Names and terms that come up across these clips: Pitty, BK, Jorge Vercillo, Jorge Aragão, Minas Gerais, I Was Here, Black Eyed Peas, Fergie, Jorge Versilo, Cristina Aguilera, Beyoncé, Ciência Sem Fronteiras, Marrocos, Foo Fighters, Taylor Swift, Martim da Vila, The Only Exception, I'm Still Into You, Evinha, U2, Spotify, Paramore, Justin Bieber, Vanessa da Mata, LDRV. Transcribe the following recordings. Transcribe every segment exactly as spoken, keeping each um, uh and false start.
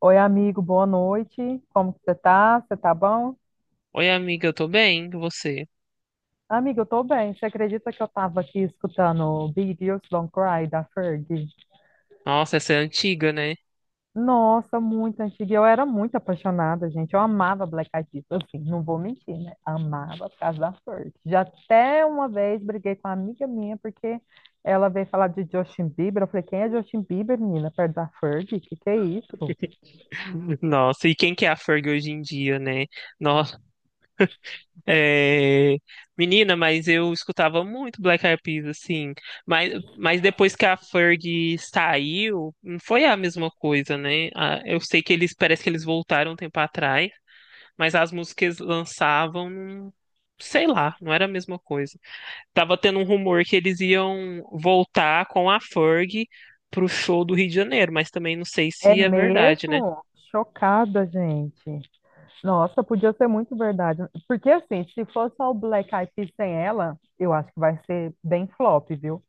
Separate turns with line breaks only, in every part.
Oi, amigo, boa noite. Como que você tá? Você tá bom?
Oi, amiga, eu tô bem, e você?
Amigo, eu tô bem. Você acredita que eu tava aqui escutando Big Girls Don't Cry da Fergie?
Nossa, essa é antiga, né?
Nossa, muito antiga. Eu era muito apaixonada, gente. Eu amava Black Eyed Peas, assim, não vou mentir, né? Amava por causa da Fergie. Já até uma vez briguei com uma amiga minha porque ela veio falar de Justin Bieber. Eu falei, quem é Justin Bieber, menina? Perto da Fergie? Que que é isso?
Nossa, e quem que é a Ferg hoje em dia, né? Nossa, é... Menina, mas eu escutava muito Black Eyed Peas, assim, mas, mas depois que a Ferg saiu, não foi a mesma coisa, né? Ah, eu sei que eles, parece que eles voltaram um tempo atrás, mas as músicas lançavam, não- sei lá, não era a mesma coisa. Tava tendo um rumor que eles iam voltar com a Ferg pro show do Rio de Janeiro, mas também não sei
É
se é verdade, né?
mesmo? Chocada, gente. Nossa, podia ser muito verdade. Porque assim, se for só o Black Eyed Peas sem ela, eu acho que vai ser bem flop, viu?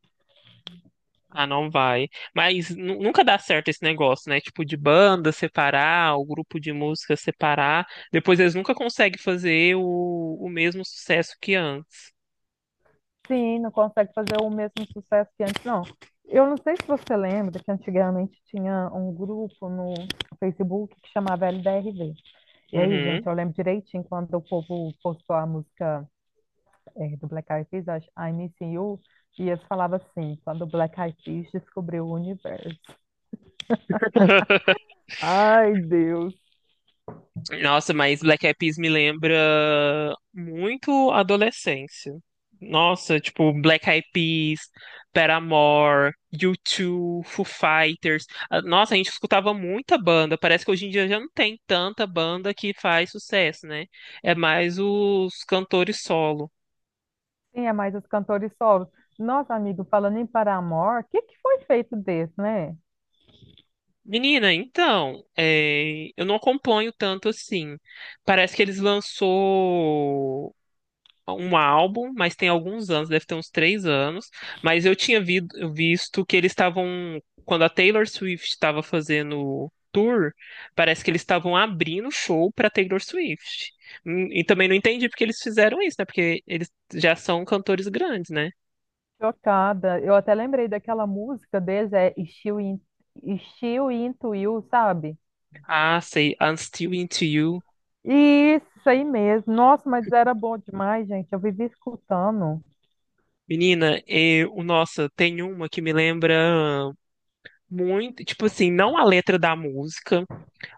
Ah, não vai. Mas nu- nunca dá certo esse negócio, né? Tipo, de banda separar, o grupo de música separar. Depois eles nunca conseguem fazer o, o mesmo sucesso que antes.
Sim, não consegue fazer o mesmo sucesso que antes, não. Eu não sei se você lembra que antigamente tinha um grupo no Facebook que chamava L D R V. E aí, gente,
Uhum.
eu lembro direitinho quando o povo postou a música eh, do Black Eyed Peas, acho, I'm Missing You, e eles falavam assim, quando o Black Eyed Peas descobriu o universo. Ai, Deus.
Nossa, mas Black Eyed Peas me lembra muito a adolescência. Nossa, tipo, Black Eyed Peas, Paramore, U dois, Foo Fighters. Ah, nossa, a gente escutava muita banda. Parece que hoje em dia já não tem tanta banda que faz sucesso, né? É mais os cantores solo.
Sim, é mais os cantores solos. Nossa, amigo, falando em Paramore, o que que foi feito desse, né?
Menina, então, é, eu não acompanho tanto assim. Parece que eles lançou um álbum, mas tem alguns anos, deve ter uns três anos. Mas eu tinha vi- visto que eles estavam, quando a Taylor Swift estava fazendo tour, parece que eles estavam abrindo show para Taylor Swift. Hum, E também não entendi porque eles fizeram isso, né? Porque eles já são cantores grandes, né?
Chocada. Eu até lembrei daquela música deles, é Still In, Still Into You, sabe?
Ah, sei, I'm Still Into You.
Isso aí mesmo. Nossa, mas era bom demais, gente. Eu vivi escutando.
Menina, e, o- nossa, tem uma que me lembra muito, tipo assim, não a letra da música,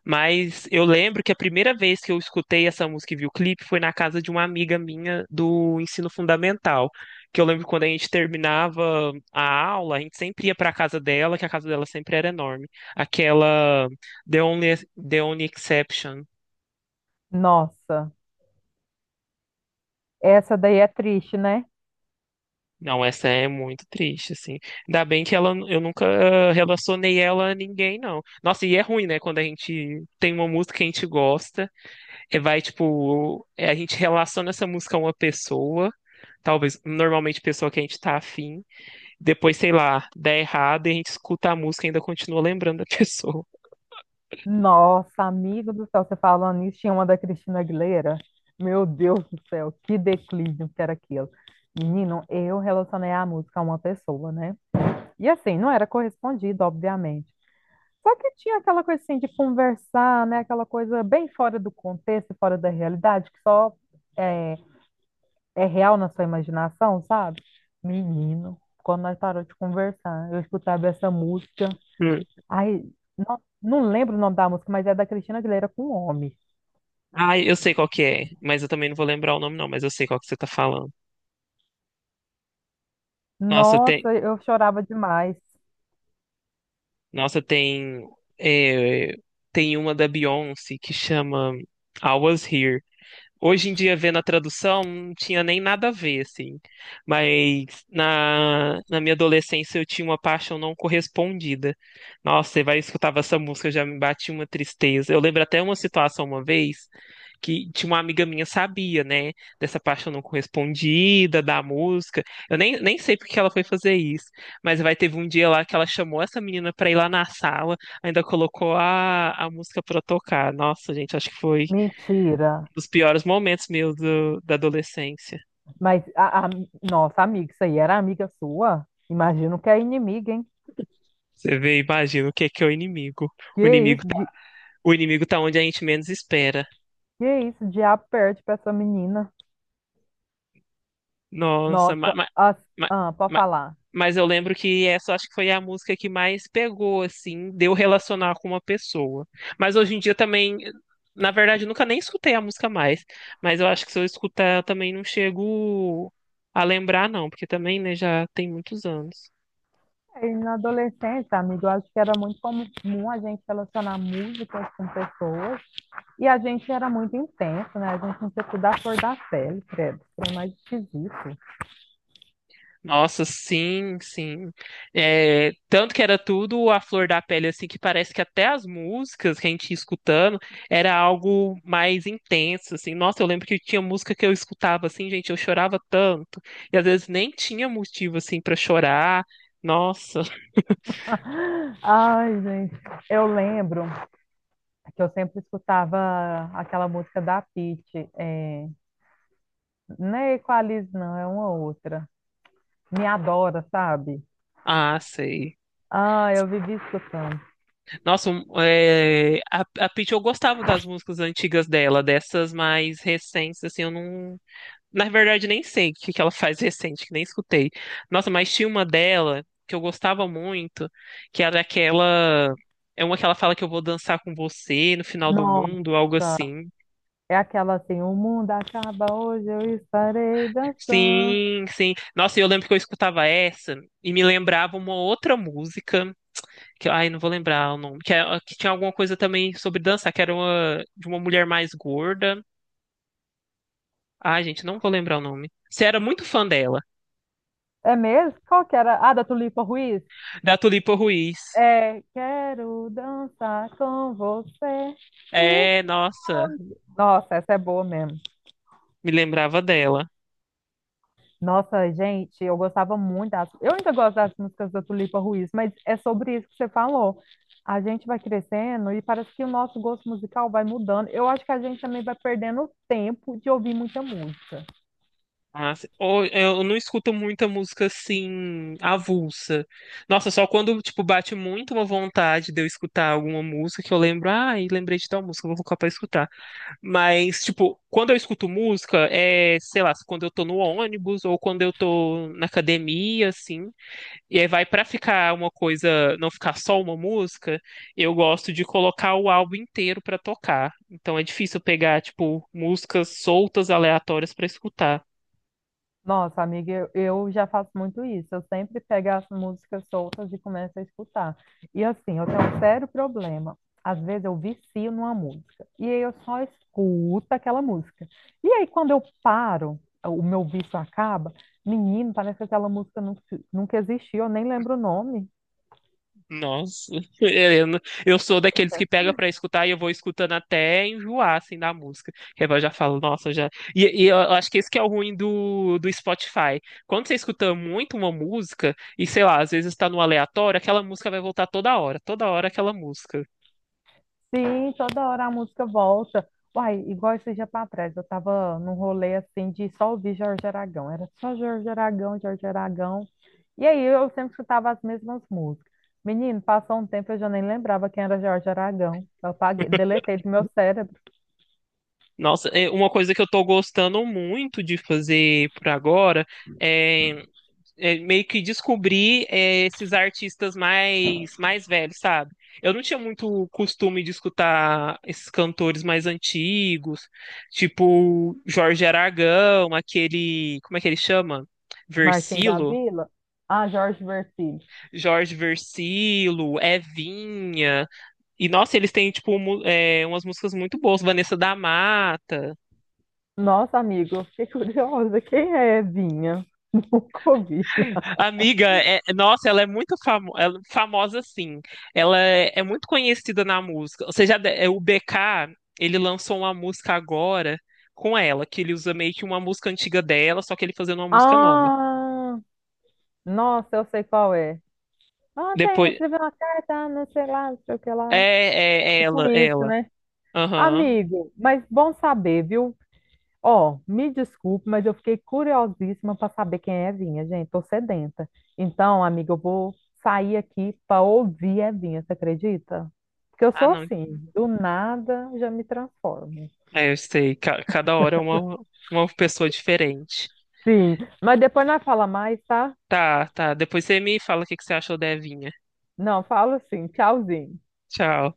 mas eu lembro que a primeira vez que eu escutei essa música e vi o clipe foi na casa de uma amiga minha do ensino fundamental. Que eu lembro que quando a gente terminava a aula, a gente sempre ia para a casa dela, que a casa dela sempre era enorme. Aquela The Only, The Only Exception.
Nossa, essa daí é triste, né?
Não, essa é muito triste, assim. Ainda bem que ela, eu nunca eh, relacionei ela a ninguém, não. Nossa, e é ruim, né? Quando a gente tem uma música que a gente gosta. É, vai, tipo, é, a gente relaciona essa música a uma pessoa, talvez, normalmente pessoa que a gente tá afim, depois, sei lá, dá errado e a gente escuta a música e ainda continua lembrando da pessoa.
Nossa, amigo do céu, você falando isso, tinha uma da Cristina Aguilera. Meu Deus do céu, que declínio que era aquilo. Menino, eu relacionei a música a uma pessoa, né? E assim, não era correspondido, obviamente. Só que tinha aquela coisa assim de conversar, né? Aquela coisa bem fora do contexto, fora da realidade, que só é, é real na sua imaginação, sabe? Menino, quando nós parou de conversar, eu escutava essa música.
Hum.
Ai, não, não lembro o nome da música, mas é da Cristina Aguilera com Homem.
Ah, eu sei qual que é, mas eu também não vou lembrar o nome, não, mas eu sei qual que você tá falando. Nossa, tem,
Nossa, eu chorava demais.
Nossa, tem, é, Tem uma da Beyoncé que chama I Was Here. Hoje em dia, vendo a tradução, não tinha nem nada a ver, assim. Mas na, na minha adolescência eu tinha uma paixão não correspondida. Nossa, você vai escutar essa música, já me bate uma tristeza. Eu lembro até uma situação uma vez que tinha uma amiga minha sabia, né, dessa paixão não correspondida, da música. Eu nem, nem sei porque ela foi fazer isso, mas vai teve um dia lá que ela chamou essa menina pra ir lá na sala, ainda colocou a, a música pra tocar. Nossa, gente, acho que foi
Mentira.
dos piores momentos meus do- da adolescência.
Mas, a, a- nossa, amiga, isso aí era amiga sua? Imagino que é inimiga, hein?
Você vê, e imagina o que é que é o inimigo. O
Que
inimigo
isso?
tá, o inimigo tá onde a gente menos espera.
Que isso, o diabo perde pra essa menina.
Nossa,
Nossa,
mas,
as... ah, pode falar.
mas eu lembro que essa acho que foi a música que mais pegou, assim, deu relacionar com uma pessoa. Mas hoje em dia também, na verdade, eu nunca nem escutei a música mais. Mas eu acho que se eu escutar, eu também não chego a lembrar, não, porque também, né, já tem muitos anos.
Aí, na adolescência, amigo, eu acho que era muito comum a gente relacionar músicas com pessoas e a gente era muito intenso, né? A gente não tinha da cor da pele, credo. Foi mais esquisito.
Nossa, sim, sim. É, tanto que era tudo a flor da pele, assim, que parece que até as músicas que a gente ia escutando era algo mais intenso, assim. Nossa, eu lembro que tinha música que eu escutava, assim, gente, eu chorava tanto. E às vezes nem tinha motivo, assim, para chorar. Nossa,
Ai, gente, eu lembro que eu sempre escutava aquela música da Pitty, é... não é Equalize, não, é uma outra. Me adora, sabe?
ah, sei.
Ah, eu vivi escutando.
Nossa, um, é, a, a Pitty, eu gostava das músicas antigas dela, dessas mais recentes, assim, eu não. Na verdade, nem sei o que que ela faz recente, que nem escutei. Nossa, mas tinha uma dela que eu gostava muito, que era aquela. É uma que ela fala que eu vou dançar com você no final do mundo, algo
Nossa.
assim.
É aquela assim, o mundo acaba hoje, eu estarei dançando.
Sim, sim. Nossa, e eu lembro que eu escutava essa e me lembrava uma outra música, que ai, não vou lembrar o nome, que, é- que tinha alguma coisa também sobre dançar, que era uma, de uma mulher mais gorda. Ai, gente, não vou lembrar o nome. Você era muito fã dela,
É mesmo? Qual que era? Ah, da Tulipa Ruiz?
da Tulipa Ruiz.
É, quero dançar com você.
É,
Isso.
nossa.
Nossa, essa é boa mesmo.
Me lembrava dela.
Nossa, gente, eu gostava muito das... Eu ainda gosto das músicas da Tulipa Ruiz, mas é sobre isso que você falou. A gente vai crescendo e parece que o nosso gosto musical vai mudando. Eu acho que a gente também vai perdendo tempo de ouvir muita música.
Mas ou- eu não escuto muita música assim, avulsa. Nossa, só quando, tipo, bate muito uma vontade de eu escutar alguma música que eu lembro, ai, lembrei de tal música, vou colocar pra escutar. Mas, tipo, quando eu escuto música, é, sei lá, quando eu tô no ônibus ou quando eu tô na academia, assim. E aí vai para ficar uma coisa, não ficar só uma música, eu gosto de colocar o álbum inteiro para tocar. Então é difícil pegar tipo músicas soltas aleatórias para escutar.
Nossa, amiga, eu, eu já faço muito isso. Eu sempre pego as músicas soltas e começo a escutar. E assim, eu tenho um sério problema. Às vezes eu vicio numa música. E aí eu só escuto aquela música. E aí quando eu paro, o meu vício acaba, menino, parece que aquela música nunca, nunca existiu, eu nem lembro o nome.
Nossa, Helena, eu sou daqueles que pega para escutar e eu vou escutando até enjoar assim da música. Que aí eu já falo, nossa, já. E, e eu acho que esse que é o ruim do, do Spotify. Quando você escuta muito uma música e sei lá, às vezes está no aleatório, aquela música vai voltar toda hora, toda hora aquela música.
Sim, toda hora a música volta. Uai, igual esse dia para trás, eu tava num rolê assim de só ouvir Jorge Aragão. Era só Jorge Aragão, Jorge Aragão. E aí eu sempre escutava as mesmas músicas. Menino, passou um tempo eu já nem lembrava quem era Jorge Aragão. Eu apaguei, deletei do meu cérebro.
Nossa, é uma coisa que eu tô gostando muito de fazer por agora é, é meio que descobrir é, esses artistas mais mais velhos, sabe? Eu não tinha muito costume de escutar esses cantores mais antigos, tipo Jorge Aragão, aquele, como é que ele chama?
Martim da
Versilo,
Vila. Ah, Jorge Vercillo.
Jorge Versilo, Evinha. E nossa, eles têm tipo mu- é, umas músicas muito boas, Vanessa da Mata.
Nossa, amigo, eu fiquei curiosa. Quem é Vinha? Nunca ouvi.
Amiga, é- nossa, ela é muito famo- ela- é famosa, sim. Ela é, é muito conhecida na música. Ou seja, de- é, o B K, ele lançou uma música agora com ela, que ele usa meio que uma música antiga dela, só que ele fazendo uma música nova.
Ah, nossa, eu sei qual é. Ontem eu
Depois.
escrevi uma carta, não sei lá, não sei o que
É,
lá.
é, é
Tipo
ela, é
isso,
ela.
né?
Aham.
Amigo, mas bom saber, viu? Ó, me desculpe, mas eu fiquei curiosíssima para saber quem é Evinha, gente. Tô sedenta. Então, amiga, eu vou sair aqui para ouvir Evinha, você acredita? Porque eu
Ah,
sou
não.
assim, do nada já me transformo.
É, eu sei. Ca- cada hora é uma, uma pessoa diferente.
Sim, mas depois nós fala mais, tá?
Tá, tá. Depois você me fala o que que você achou da Evinha.
Não, falo sim. Tchauzinho.
Tchau.